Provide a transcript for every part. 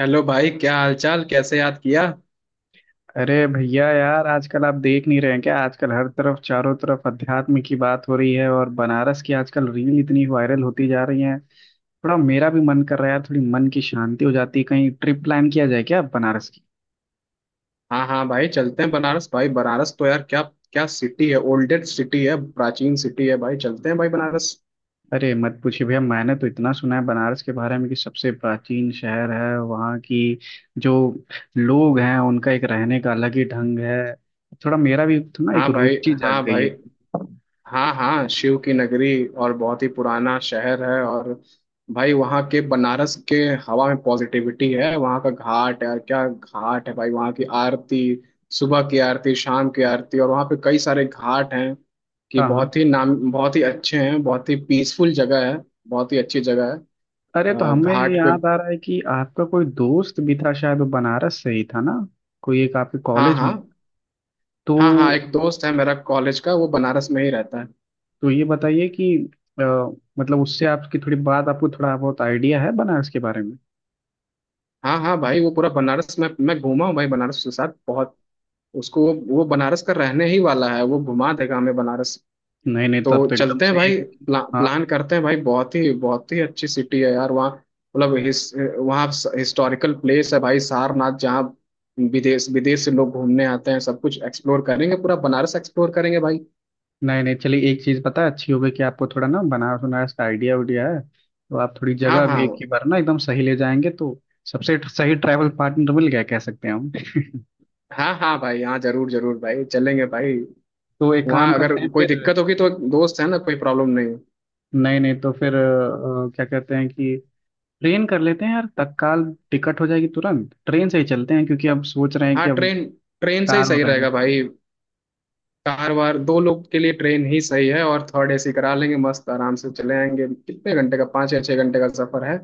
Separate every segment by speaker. Speaker 1: Hello भाई, क्या हालचाल? कैसे याद किया?
Speaker 2: अरे भैया यार, आजकल आप देख नहीं रहे हैं क्या? आजकल हर तरफ चारों तरफ अध्यात्म की बात हो रही है, और बनारस की आजकल रील इतनी वायरल होती जा रही है। थोड़ा मेरा भी मन कर रहा है यार, थोड़ी मन की शांति हो जाती है। कहीं ट्रिप प्लान किया जाए क्या बनारस की?
Speaker 1: हाँ हाँ भाई, चलते हैं बनारस। भाई, बनारस तो यार, क्या क्या सिटी है! ओल्डेस्ट सिटी है, प्राचीन सिटी है भाई। चलते हैं भाई बनारस।
Speaker 2: अरे मत पूछिए भैया, मैंने तो इतना सुना है बनारस के बारे में कि सबसे प्राचीन शहर है। वहाँ की जो लोग हैं उनका एक रहने का अलग ही ढंग है। थोड़ा मेरा भी ना एक
Speaker 1: हाँ भाई।
Speaker 2: रुचि जाग
Speaker 1: हाँ
Speaker 2: गई है।
Speaker 1: भाई। हाँ हाँ, शिव की नगरी और बहुत ही पुराना शहर है। और भाई, वहाँ के बनारस के हवा में पॉजिटिविटी है। वहाँ का घाट है, और क्या घाट है भाई! वहाँ की आरती, सुबह की आरती, शाम की आरती, और वहाँ पे कई सारे घाट हैं कि
Speaker 2: हाँ, हाँ।
Speaker 1: बहुत ही नाम बहुत ही अच्छे हैं। बहुत ही पीसफुल जगह है, बहुत ही अच्छी जगह है।
Speaker 2: अरे, तो हमें
Speaker 1: घाट पे।
Speaker 2: याद आ रहा है कि आपका कोई दोस्त भी था, शायद वो बनारस से ही था ना? कोई एक आपके
Speaker 1: हाँ
Speaker 2: कॉलेज में
Speaker 1: हाँ।
Speaker 2: ही। तो
Speaker 1: हाँ हाँ, एक दोस्त है मेरा कॉलेज का, वो बनारस में ही रहता है।
Speaker 2: तो ये बताइए कि अ, मतलब उससे आपकी थोड़ी बात, आपको थोड़ा बहुत आइडिया है बनारस के बारे में?
Speaker 1: हाँ हाँ भाई, वो पूरा बनारस में मैं घूमा हूँ भाई। बनारस के साथ बहुत, उसको वो बनारस का रहने ही वाला है, वो घुमा देगा हमें बनारस।
Speaker 2: नहीं, नहीं, तब
Speaker 1: तो
Speaker 2: तो एकदम
Speaker 1: चलते हैं
Speaker 2: सही है
Speaker 1: भाई,
Speaker 2: क्योंकि। हाँ।
Speaker 1: प्लान करते हैं भाई। बहुत ही अच्छी सिटी है यार वहाँ। मतलब वहाँ हिस्टोरिकल प्लेस है भाई, सारनाथ जहाँ विदेश विदेश से लोग घूमने आते हैं। सब कुछ एक्सप्लोर करेंगे, पूरा बनारस एक्सप्लोर करेंगे भाई।
Speaker 2: नहीं, नहीं, चलिए एक चीज़ पता है, अच्छी हो गई कि आपको थोड़ा ना बनारस बनारस का आइडिया उडिया है, तो आप थोड़ी
Speaker 1: हाँ
Speaker 2: जगह
Speaker 1: हाँ।
Speaker 2: भी एक ही बार ना एकदम सही ले जाएंगे। तो सबसे सही ट्रैवल पार्टनर मिल गया कह सकते हैं हम।
Speaker 1: हाँ हाँ भाई, हाँ जरूर जरूर भाई, चलेंगे भाई।
Speaker 2: तो एक काम
Speaker 1: वहाँ अगर
Speaker 2: करते हैं
Speaker 1: कोई
Speaker 2: फिर।
Speaker 1: दिक्कत होगी तो दोस्त है ना, कोई प्रॉब्लम नहीं।
Speaker 2: नहीं, नहीं, तो फिर क्या कहते हैं कि ट्रेन कर लेते हैं यार, तत्काल टिकट हो जाएगी, तुरंत ट्रेन से ही चलते हैं, क्योंकि अब सोच रहे हैं कि
Speaker 1: हाँ,
Speaker 2: अब
Speaker 1: ट्रेन ट्रेन से ही
Speaker 2: कार
Speaker 1: सही
Speaker 2: और रहने
Speaker 1: रहेगा
Speaker 2: के।
Speaker 1: भाई। कार वार दो लोग के लिए ट्रेन ही सही है, और थर्ड एसी करा लेंगे, मस्त आराम से चले आएंगे। कितने घंटे का? 5 या 6 घंटे का सफर है।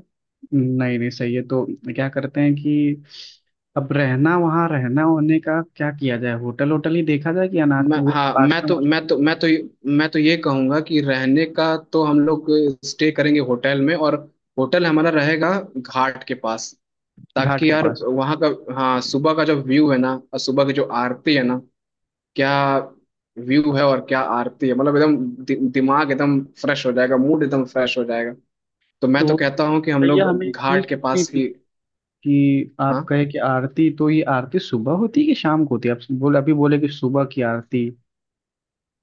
Speaker 2: नहीं, नहीं, सही है, तो क्या करते हैं कि अब रहना, वहाँ रहना होने का क्या किया जाए? होटल होटल ही देखा जाए कि अनाथ
Speaker 1: मैं
Speaker 2: वो
Speaker 1: हाँ
Speaker 2: पास
Speaker 1: मैं
Speaker 2: में
Speaker 1: तो
Speaker 2: मौसम।
Speaker 1: मैं तो मैं तो मैं तो ये कहूंगा कि रहने का तो हम लोग स्टे करेंगे होटल में, और होटल हमारा रहेगा घाट के पास।
Speaker 2: घाट
Speaker 1: ताकि
Speaker 2: के
Speaker 1: यार,
Speaker 2: पास?
Speaker 1: वहाँ का, हाँ, सुबह का जो व्यू है ना, और सुबह की जो आरती है ना, क्या व्यू है और क्या आरती है! मतलब एकदम दिमाग एकदम फ्रेश हो जाएगा, मूड एकदम फ्रेश हो जाएगा। तो मैं तो
Speaker 2: तो
Speaker 1: कहता हूँ कि हम
Speaker 2: भैया
Speaker 1: लोग
Speaker 2: हमें एक
Speaker 1: घाट
Speaker 2: चीज
Speaker 1: के
Speaker 2: पूछनी
Speaker 1: पास
Speaker 2: थी
Speaker 1: ही।
Speaker 2: कि आप
Speaker 1: हाँ
Speaker 2: कहे कि आरती, तो ये आरती सुबह होती है कि शाम को होती है? आप बोले, अभी बोले कि सुबह की आरती।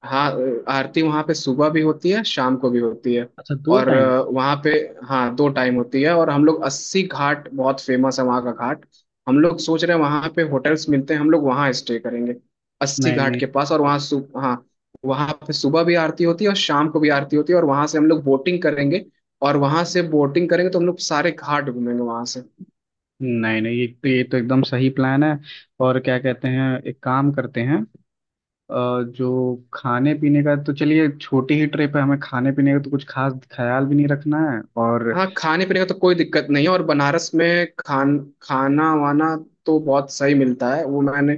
Speaker 1: हाँ, आरती वहाँ पे सुबह भी होती है, शाम को भी होती है।
Speaker 2: अच्छा, दो
Speaker 1: और
Speaker 2: टाइम?
Speaker 1: वहाँ पे, हाँ, दो टाइम होती है। और हम लोग अस्सी घाट, बहुत फेमस है वहाँ का घाट। हम लोग सोच रहे हैं वहाँ पे होटल्स मिलते हैं, हम लोग वहाँ स्टे करेंगे अस्सी
Speaker 2: नहीं,
Speaker 1: घाट
Speaker 2: नहीं।
Speaker 1: के पास। और वहाँ सु हाँ, वहाँ पे सुबह भी आरती होती है और शाम को भी आरती होती है। और वहाँ से हम लोग बोटिंग करेंगे, और वहाँ से बोटिंग करेंगे तो हम लोग सारे घाट घूमेंगे वहाँ से।
Speaker 2: नहीं, नहीं, ये तो एकदम सही प्लान है। और क्या कहते हैं, एक काम करते हैं, जो खाने पीने का, तो चलिए छोटी ही ट्रिप है, हमें खाने पीने का तो कुछ खास ख्याल भी नहीं रखना है, और।
Speaker 1: हाँ, खाने पीने का तो कोई दिक्कत नहीं है। और बनारस में खाना वाना तो बहुत सही मिलता है। वो मैंने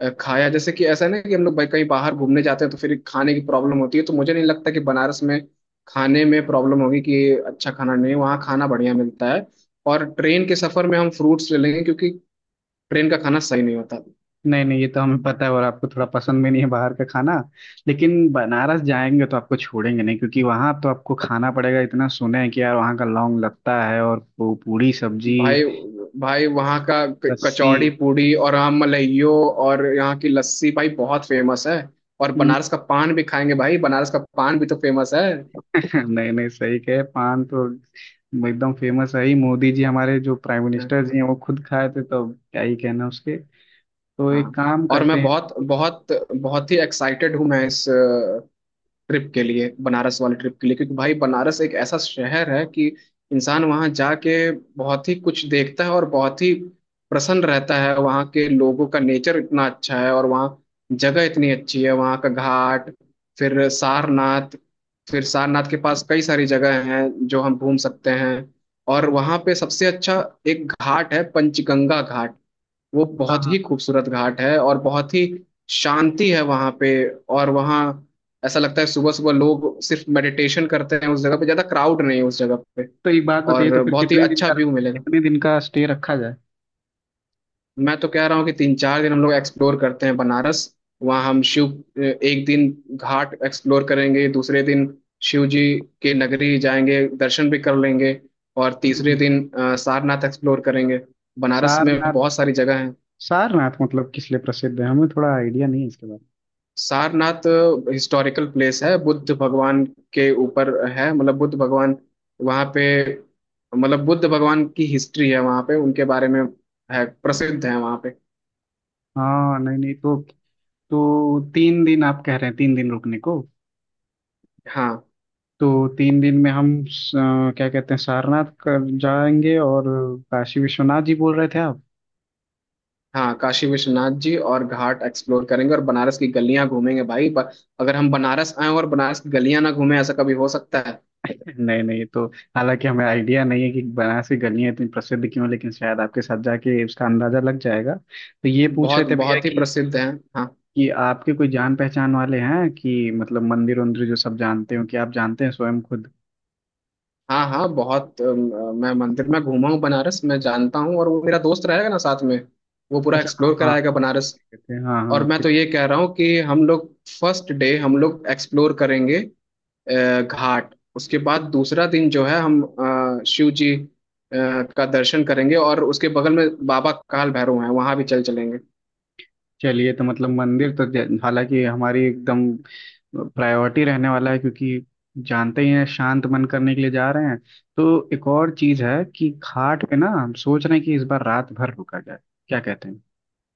Speaker 1: खाया, जैसे कि ऐसा ना कि हम लोग भाई कहीं बाहर घूमने जाते हैं तो फिर खाने की प्रॉब्लम होती है, तो मुझे नहीं लगता कि बनारस में खाने में प्रॉब्लम होगी कि अच्छा खाना नहीं है। वहाँ खाना बढ़िया मिलता है। और ट्रेन के सफर में हम फ्रूट्स ले लेंगे, क्योंकि ट्रेन का खाना सही नहीं होता।
Speaker 2: नहीं, नहीं, ये तो हमें पता है, और आपको थोड़ा पसंद भी नहीं है बाहर का खाना। लेकिन बनारस जाएंगे तो आपको छोड़ेंगे नहीं, क्योंकि वहाँ तो आपको खाना पड़ेगा। इतना सुने हैं कि यार वहाँ का लौंग लत्ता है और पूरी सब्जी।
Speaker 1: भाई, भाई वहाँ का
Speaker 2: लस्सी।
Speaker 1: कचौड़ी पूड़ी, और वहाँ मलाइयो, और यहाँ की लस्सी भाई बहुत फेमस है। और बनारस का पान भी खाएंगे भाई, बनारस का पान भी तो फेमस है।
Speaker 2: नहीं, नहीं, सही कहे, पान तो एकदम फेमस है ही। मोदी जी, हमारे जो प्राइम मिनिस्टर जी हैं, वो खुद खाए थे, तो अब क्या ही कहना उसके। तो एक
Speaker 1: हाँ,
Speaker 2: काम
Speaker 1: और
Speaker 2: करते
Speaker 1: मैं
Speaker 2: हैं।
Speaker 1: बहुत
Speaker 2: तो।
Speaker 1: बहुत बहुत ही एक्साइटेड हूँ मैं इस ट्रिप के लिए, बनारस वाले ट्रिप के लिए। क्योंकि भाई बनारस एक ऐसा शहर है कि इंसान वहाँ जाके बहुत ही कुछ देखता है और बहुत ही प्रसन्न रहता है। वहाँ के लोगों का नेचर इतना अच्छा है, और वहाँ जगह इतनी अच्छी है, वहाँ का घाट, फिर सारनाथ, फिर सारनाथ के पास कई सारी जगह हैं जो हम घूम सकते हैं। और वहाँ पे सबसे अच्छा एक घाट है, पंचगंगा घाट, वो
Speaker 2: हाँ,
Speaker 1: बहुत
Speaker 2: हाँ।
Speaker 1: ही खूबसूरत घाट है और बहुत ही शांति है वहां पे। और वहाँ ऐसा लगता है सुबह सुबह लोग सिर्फ मेडिटेशन करते हैं उस जगह पे, ज्यादा क्राउड नहीं है उस जगह पे,
Speaker 2: तो एक बात बताइए, तो
Speaker 1: और
Speaker 2: फिर
Speaker 1: बहुत ही अच्छा व्यू मिलेगा।
Speaker 2: कितने दिन का स्टे रखा जाए?
Speaker 1: मैं तो कह रहा हूँ कि 3-4 दिन हम लोग एक्सप्लोर करते हैं बनारस। वहाँ हम शिव, एक दिन घाट एक्सप्लोर करेंगे, दूसरे दिन शिव जी के नगरी जाएंगे दर्शन भी कर लेंगे, और तीसरे
Speaker 2: हम्म।
Speaker 1: दिन सारनाथ एक्सप्लोर करेंगे। बनारस में
Speaker 2: सारनाथ?
Speaker 1: बहुत सारी जगह है।
Speaker 2: सारनाथ मतलब किस लिए प्रसिद्ध है? हमें थोड़ा आइडिया नहीं है इसके बारे
Speaker 1: सारनाथ हिस्टोरिकल प्लेस है, बुद्ध भगवान के ऊपर है, मतलब बुद्ध भगवान वहाँ पे, मतलब बुद्ध भगवान की हिस्ट्री है वहाँ पे, उनके बारे में है, प्रसिद्ध है वहाँ पे।
Speaker 2: में। हाँ, नहीं, नहीं, तो 3 दिन आप कह रहे हैं, 3 दिन रुकने को?
Speaker 1: हाँ
Speaker 2: तो 3 दिन में हम क्या कहते हैं, सारनाथ कर जाएंगे, और काशी विश्वनाथ जी बोल रहे थे आप।
Speaker 1: हाँ, काशी विश्वनाथ जी और घाट एक्सप्लोर करेंगे, और बनारस की गलियाँ घूमेंगे भाई। अगर हम बनारस आए और बनारस की गलियाँ ना घूमें, ऐसा कभी हो सकता है?
Speaker 2: नहीं, नहीं, तो हालांकि हमें आइडिया नहीं है कि बनारस की गलियां इतनी प्रसिद्ध क्यों हैं, लेकिन शायद आपके साथ जाके उसका अंदाजा लग जाएगा। तो ये पूछ रहे
Speaker 1: बहुत
Speaker 2: थे भैया
Speaker 1: बहुत ही
Speaker 2: कि
Speaker 1: प्रसिद्ध है। हाँ
Speaker 2: कि आपके कोई जान पहचान वाले हैं कि मतलब मंदिर उंदिर जो सब जानते हो, कि आप जानते हैं स्वयं खुद?
Speaker 1: हाँ हाँ, बहुत मैं मंदिर में घूमा हूँ बनारस, मैं जानता हूँ, और वो मेरा दोस्त रहेगा ना साथ में, वो पूरा
Speaker 2: अच्छा, हाँ,
Speaker 1: एक्सप्लोर
Speaker 2: हाँ।
Speaker 1: कराएगा बनारस।
Speaker 2: कहते हैं, हाँ, हाँ,
Speaker 1: और मैं
Speaker 2: आपके।
Speaker 1: तो ये कह रहा हूँ कि हम लोग फर्स्ट डे हम लोग एक्सप्लोर करेंगे घाट, उसके बाद दूसरा दिन जो है हम शिव जी का दर्शन करेंगे, और उसके बगल में बाबा काल भैरव हैं वहां भी चल चलेंगे
Speaker 2: चलिए, तो मतलब मंदिर तो हालांकि हमारी एकदम प्रायोरिटी रहने वाला है, क्योंकि जानते ही हैं शांत मन करने के लिए जा रहे हैं। तो एक और चीज है कि घाट पे ना हम सोच रहे हैं कि इस बार रात भर रुका जाए, क्या कहते हैं?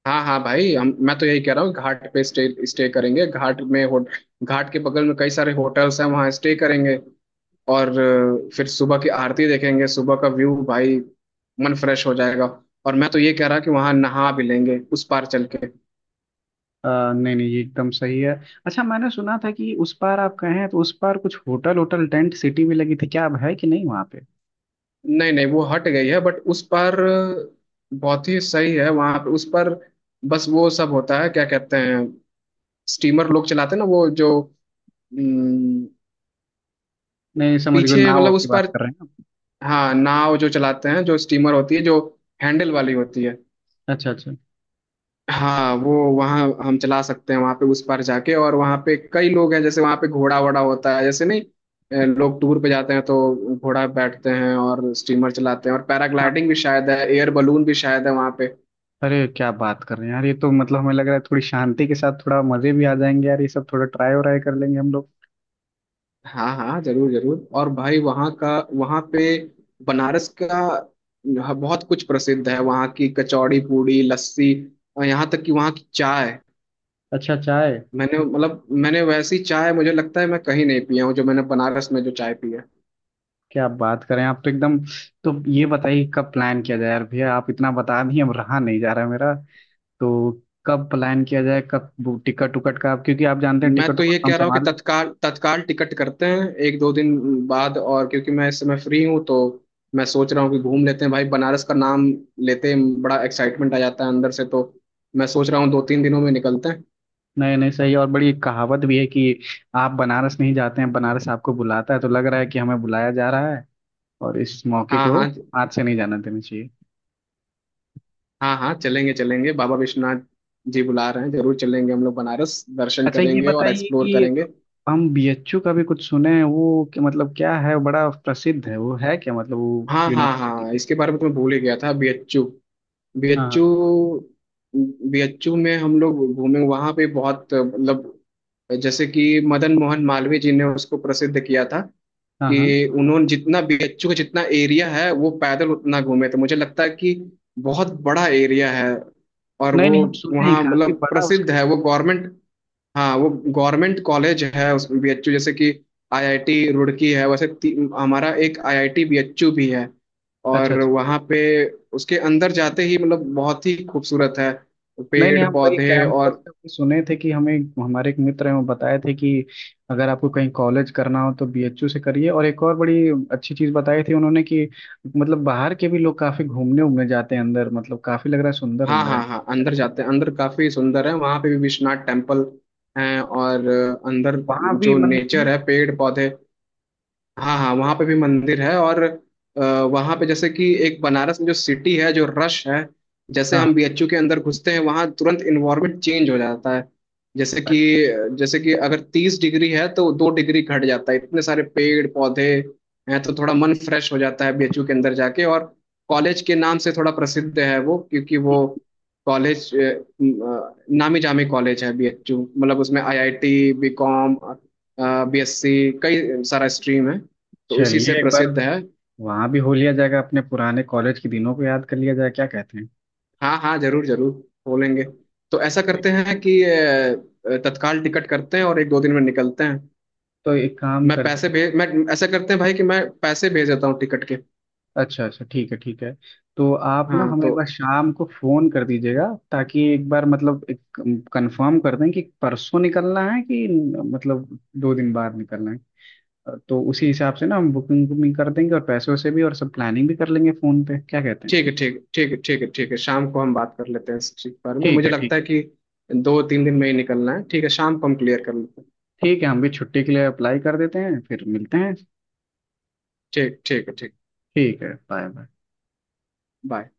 Speaker 1: हाँ हाँ भाई, हम, मैं तो यही कह रहा हूँ घाट पे स्टे स्टे करेंगे। घाट में हो, घाट के बगल में कई सारे होटल्स हैं, वहाँ स्टे करेंगे। और फिर सुबह की आरती देखेंगे, सुबह का व्यू भाई, मन फ्रेश हो जाएगा। और मैं तो ये कह रहा कि वहाँ नहा भी लेंगे उस पार चल के।
Speaker 2: अ, नहीं, नहीं, ये एकदम सही है। अच्छा, मैंने सुना था कि उस पार, आप कहे हैं तो उस पार कुछ होटल होटल टेंट सिटी भी लगी थी क्या? अब है कि नहीं वहाँ पे?
Speaker 1: नहीं नहीं, वो हट गई है, बट उस पर बहुत ही सही है वहां पर। उस पर बस वो सब होता है, क्या कहते हैं, स्टीमर लोग चलाते हैं ना वो जो, हम्म,
Speaker 2: नहीं, नहीं, समझ गए,
Speaker 1: पीछे,
Speaker 2: नाव
Speaker 1: मतलब
Speaker 2: की
Speaker 1: उस
Speaker 2: बात
Speaker 1: पर,
Speaker 2: कर रहे हैं आप।
Speaker 1: हाँ, नाव जो चलाते हैं, जो स्टीमर होती है, जो हैंडल वाली होती है।
Speaker 2: अच्छा, अच्छा।
Speaker 1: हाँ, वो वहाँ हम चला सकते हैं, वहाँ पे उस पार जाके। और वहाँ पे कई लोग हैं, जैसे वहाँ पे घोड़ा वोड़ा होता है, जैसे नहीं, लोग टूर पे जाते हैं तो घोड़ा पे बैठते हैं, और स्टीमर चलाते हैं, और
Speaker 2: हाँ।
Speaker 1: पैराग्लाइडिंग भी शायद है, एयर बलून भी शायद है वहाँ पे।
Speaker 2: अरे क्या बात कर रहे हैं यार! ये तो मतलब हमें लग रहा है थोड़ी शांति के साथ थोड़ा मजे भी आ जाएंगे, यार ये सब थोड़ा ट्राई व्राई कर लेंगे हम लोग।
Speaker 1: हाँ हाँ जरूर जरूर, और भाई वहाँ का, वहाँ पे बनारस का बहुत कुछ प्रसिद्ध है। वहाँ की कचौड़ी पूड़ी लस्सी, और यहाँ तक कि वहाँ की चाय।
Speaker 2: अच्छा, चाय?
Speaker 1: मैंने, मतलब मैंने वैसी चाय मुझे लगता है मैं कहीं नहीं पिया हूँ जो मैंने बनारस में जो चाय पी है।
Speaker 2: क्या बात करें, आप तो एकदम। तो ये बताइए, कब प्लान किया जाए यार भैया, आप इतना बता दिए, अब रहा नहीं जा रहा है मेरा। तो कब प्लान किया जाए, कब टिकट उकट का आप, क्योंकि आप जानते हैं
Speaker 1: मैं
Speaker 2: टिकट
Speaker 1: तो
Speaker 2: उकट
Speaker 1: ये
Speaker 2: तो हम
Speaker 1: कह रहा हूँ कि
Speaker 2: संभाल।
Speaker 1: तत्काल तत्काल टिकट करते हैं 1-2 दिन बाद। और क्योंकि मैं इस समय फ्री हूँ, तो मैं सोच रहा हूँ कि घूम लेते हैं भाई। बनारस का नाम लेते ही बड़ा एक्साइटमेंट आ जाता है अंदर से, तो मैं सोच रहा हूँ 2-3 दिनों में निकलते हैं।
Speaker 2: नहीं, नहीं, सही है, और बड़ी कहावत भी है कि आप बनारस नहीं जाते हैं, बनारस आपको बुलाता है। तो लग रहा है कि हमें बुलाया जा रहा है, और इस मौके
Speaker 1: हाँ
Speaker 2: को
Speaker 1: हाँ।
Speaker 2: हाथ से नहीं जाने देना चाहिए।
Speaker 1: हाँ हाँ, चलेंगे चलेंगे, बाबा विश्वनाथ जी बुला रहे हैं, जरूर चलेंगे हम लोग बनारस दर्शन
Speaker 2: अच्छा, ये
Speaker 1: करेंगे और
Speaker 2: बताइए
Speaker 1: एक्सप्लोर
Speaker 2: कि
Speaker 1: करेंगे।
Speaker 2: हम बीएचयू का भी कुछ सुने हैं वो, कि मतलब क्या है, बड़ा प्रसिद्ध है, वो है क्या, मतलब वो
Speaker 1: हाँ हाँ
Speaker 2: यूनिवर्सिटी
Speaker 1: हाँ,
Speaker 2: है?
Speaker 1: इसके बारे में तो मैं भूल ही गया था, बीएचयू।
Speaker 2: हाँ,
Speaker 1: बीएचयू, बीएचयू में हम लोग घूमे वहां पे बहुत, मतलब जैसे कि मदन मोहन मालवीय जी ने उसको प्रसिद्ध किया था,
Speaker 2: हाँ, हाँ, हाँ।
Speaker 1: कि उन्होंने जितना बीएचयू का जितना एरिया है वो पैदल उतना घूमे। तो मुझे लगता है कि बहुत बड़ा एरिया है। और
Speaker 2: नहीं,
Speaker 1: वो
Speaker 2: नहीं, हम सुने हैं
Speaker 1: वहाँ
Speaker 2: काफी
Speaker 1: मतलब
Speaker 2: बड़ा
Speaker 1: प्रसिद्ध
Speaker 2: उसका।
Speaker 1: है वो गवर्नमेंट, हाँ, वो गवर्नमेंट कॉलेज है, उसमें बीएचयू जैसे कि आईआईटी रुड़की है, वैसे हमारा एक आईआईटी बीएचयू भी है।
Speaker 2: अच्छा,
Speaker 1: और
Speaker 2: अच्छा।
Speaker 1: वहाँ पे उसके अंदर जाते ही मतलब बहुत ही खूबसूरत है,
Speaker 2: नहीं, नहीं,
Speaker 1: पेड़
Speaker 2: हम वही
Speaker 1: पौधे
Speaker 2: कैंपस
Speaker 1: और,
Speaker 2: पे भी सुने थे कि हमें, हमारे एक मित्र हैं, वो बताए थे कि अगर आपको कहीं कॉलेज करना हो तो बीएचयू से करिए। और एक और बड़ी अच्छी चीज़ बताई थी उन्होंने कि मतलब बाहर के भी लोग काफी घूमने उमने जाते हैं अंदर, मतलब काफी लग रहा है सुंदर
Speaker 1: हाँ
Speaker 2: उंदर है।
Speaker 1: हाँ हाँ, अंदर जाते हैं अंदर, काफी सुंदर है। वहाँ पे भी विश्वनाथ टेम्पल है, और अंदर
Speaker 2: वहाँ भी
Speaker 1: जो
Speaker 2: मंदिर
Speaker 1: नेचर
Speaker 2: है?
Speaker 1: है, पेड़ पौधे। हाँ हाँ, वहाँ पे भी मंदिर है। और वहाँ पे जैसे कि एक बनारस में जो सिटी है जो रश है, जैसे
Speaker 2: हाँ, हाँ।
Speaker 1: हम बीएचयू के अंदर घुसते हैं वहाँ तुरंत इन्वायरमेंट चेंज हो जाता है। जैसे कि,
Speaker 2: अच्छा।
Speaker 1: जैसे कि अगर 30 डिग्री है तो 2 डिग्री घट जाता है, इतने सारे पेड़ पौधे हैं, तो थोड़ा मन फ्रेश हो जाता है बीएचयू के अंदर जाके। और कॉलेज के नाम से थोड़ा प्रसिद्ध है वो, क्योंकि वो कॉलेज नामी जामी कॉलेज है बीएचयू, मतलब उसमें आईआईटी, बीकॉम, बीएससी, कई सारा स्ट्रीम है, तो उसी
Speaker 2: चलिए
Speaker 1: से
Speaker 2: एक बार
Speaker 1: प्रसिद्ध है।
Speaker 2: वहाँ भी हो लिया जाएगा, अपने पुराने कॉलेज के दिनों को याद कर लिया जाए, क्या कहते
Speaker 1: हाँ हाँ जरूर जरूर, बोलेंगे। तो ऐसा
Speaker 2: हैं?
Speaker 1: करते हैं कि तत्काल टिकट करते हैं और 1-2 दिन में निकलते हैं।
Speaker 2: तो एक काम
Speaker 1: मैं
Speaker 2: करते
Speaker 1: पैसे
Speaker 2: हैं।
Speaker 1: भेज मैं, ऐसा करते हैं भाई कि मैं पैसे भेज देता हूँ टिकट के।
Speaker 2: अच्छा, अच्छा, ठीक है, ठीक है। तो आप ना
Speaker 1: हाँ
Speaker 2: हमें एक
Speaker 1: तो,
Speaker 2: बार शाम को फोन कर दीजिएगा, ताकि एक बार मतलब एक कंफर्म कर दें कि परसों निकलना है, कि मतलब 2 दिन बाद निकलना है, तो उसी हिसाब से ना हम बुकिंग बुकिंग कर देंगे और पैसों से भी, और सब प्लानिंग भी कर लेंगे फोन पे, क्या कहते हैं?
Speaker 1: ठीक है ठीक है ठीक है ठीक है ठीक है, शाम को हम बात कर लेते हैं इस चीज के बारे में।
Speaker 2: ठीक
Speaker 1: मुझे
Speaker 2: है, ठीक
Speaker 1: लगता
Speaker 2: है।
Speaker 1: है कि 2-3 दिन में ही निकलना है। ठीक है, शाम को हम क्लियर कर लेते हैं।
Speaker 2: ठीक है, हम भी छुट्टी के लिए अप्लाई कर देते हैं, फिर मिलते हैं।
Speaker 1: ठीक, ठीक है, ठीक,
Speaker 2: ठीक है, बाय, बाय।
Speaker 1: बाय।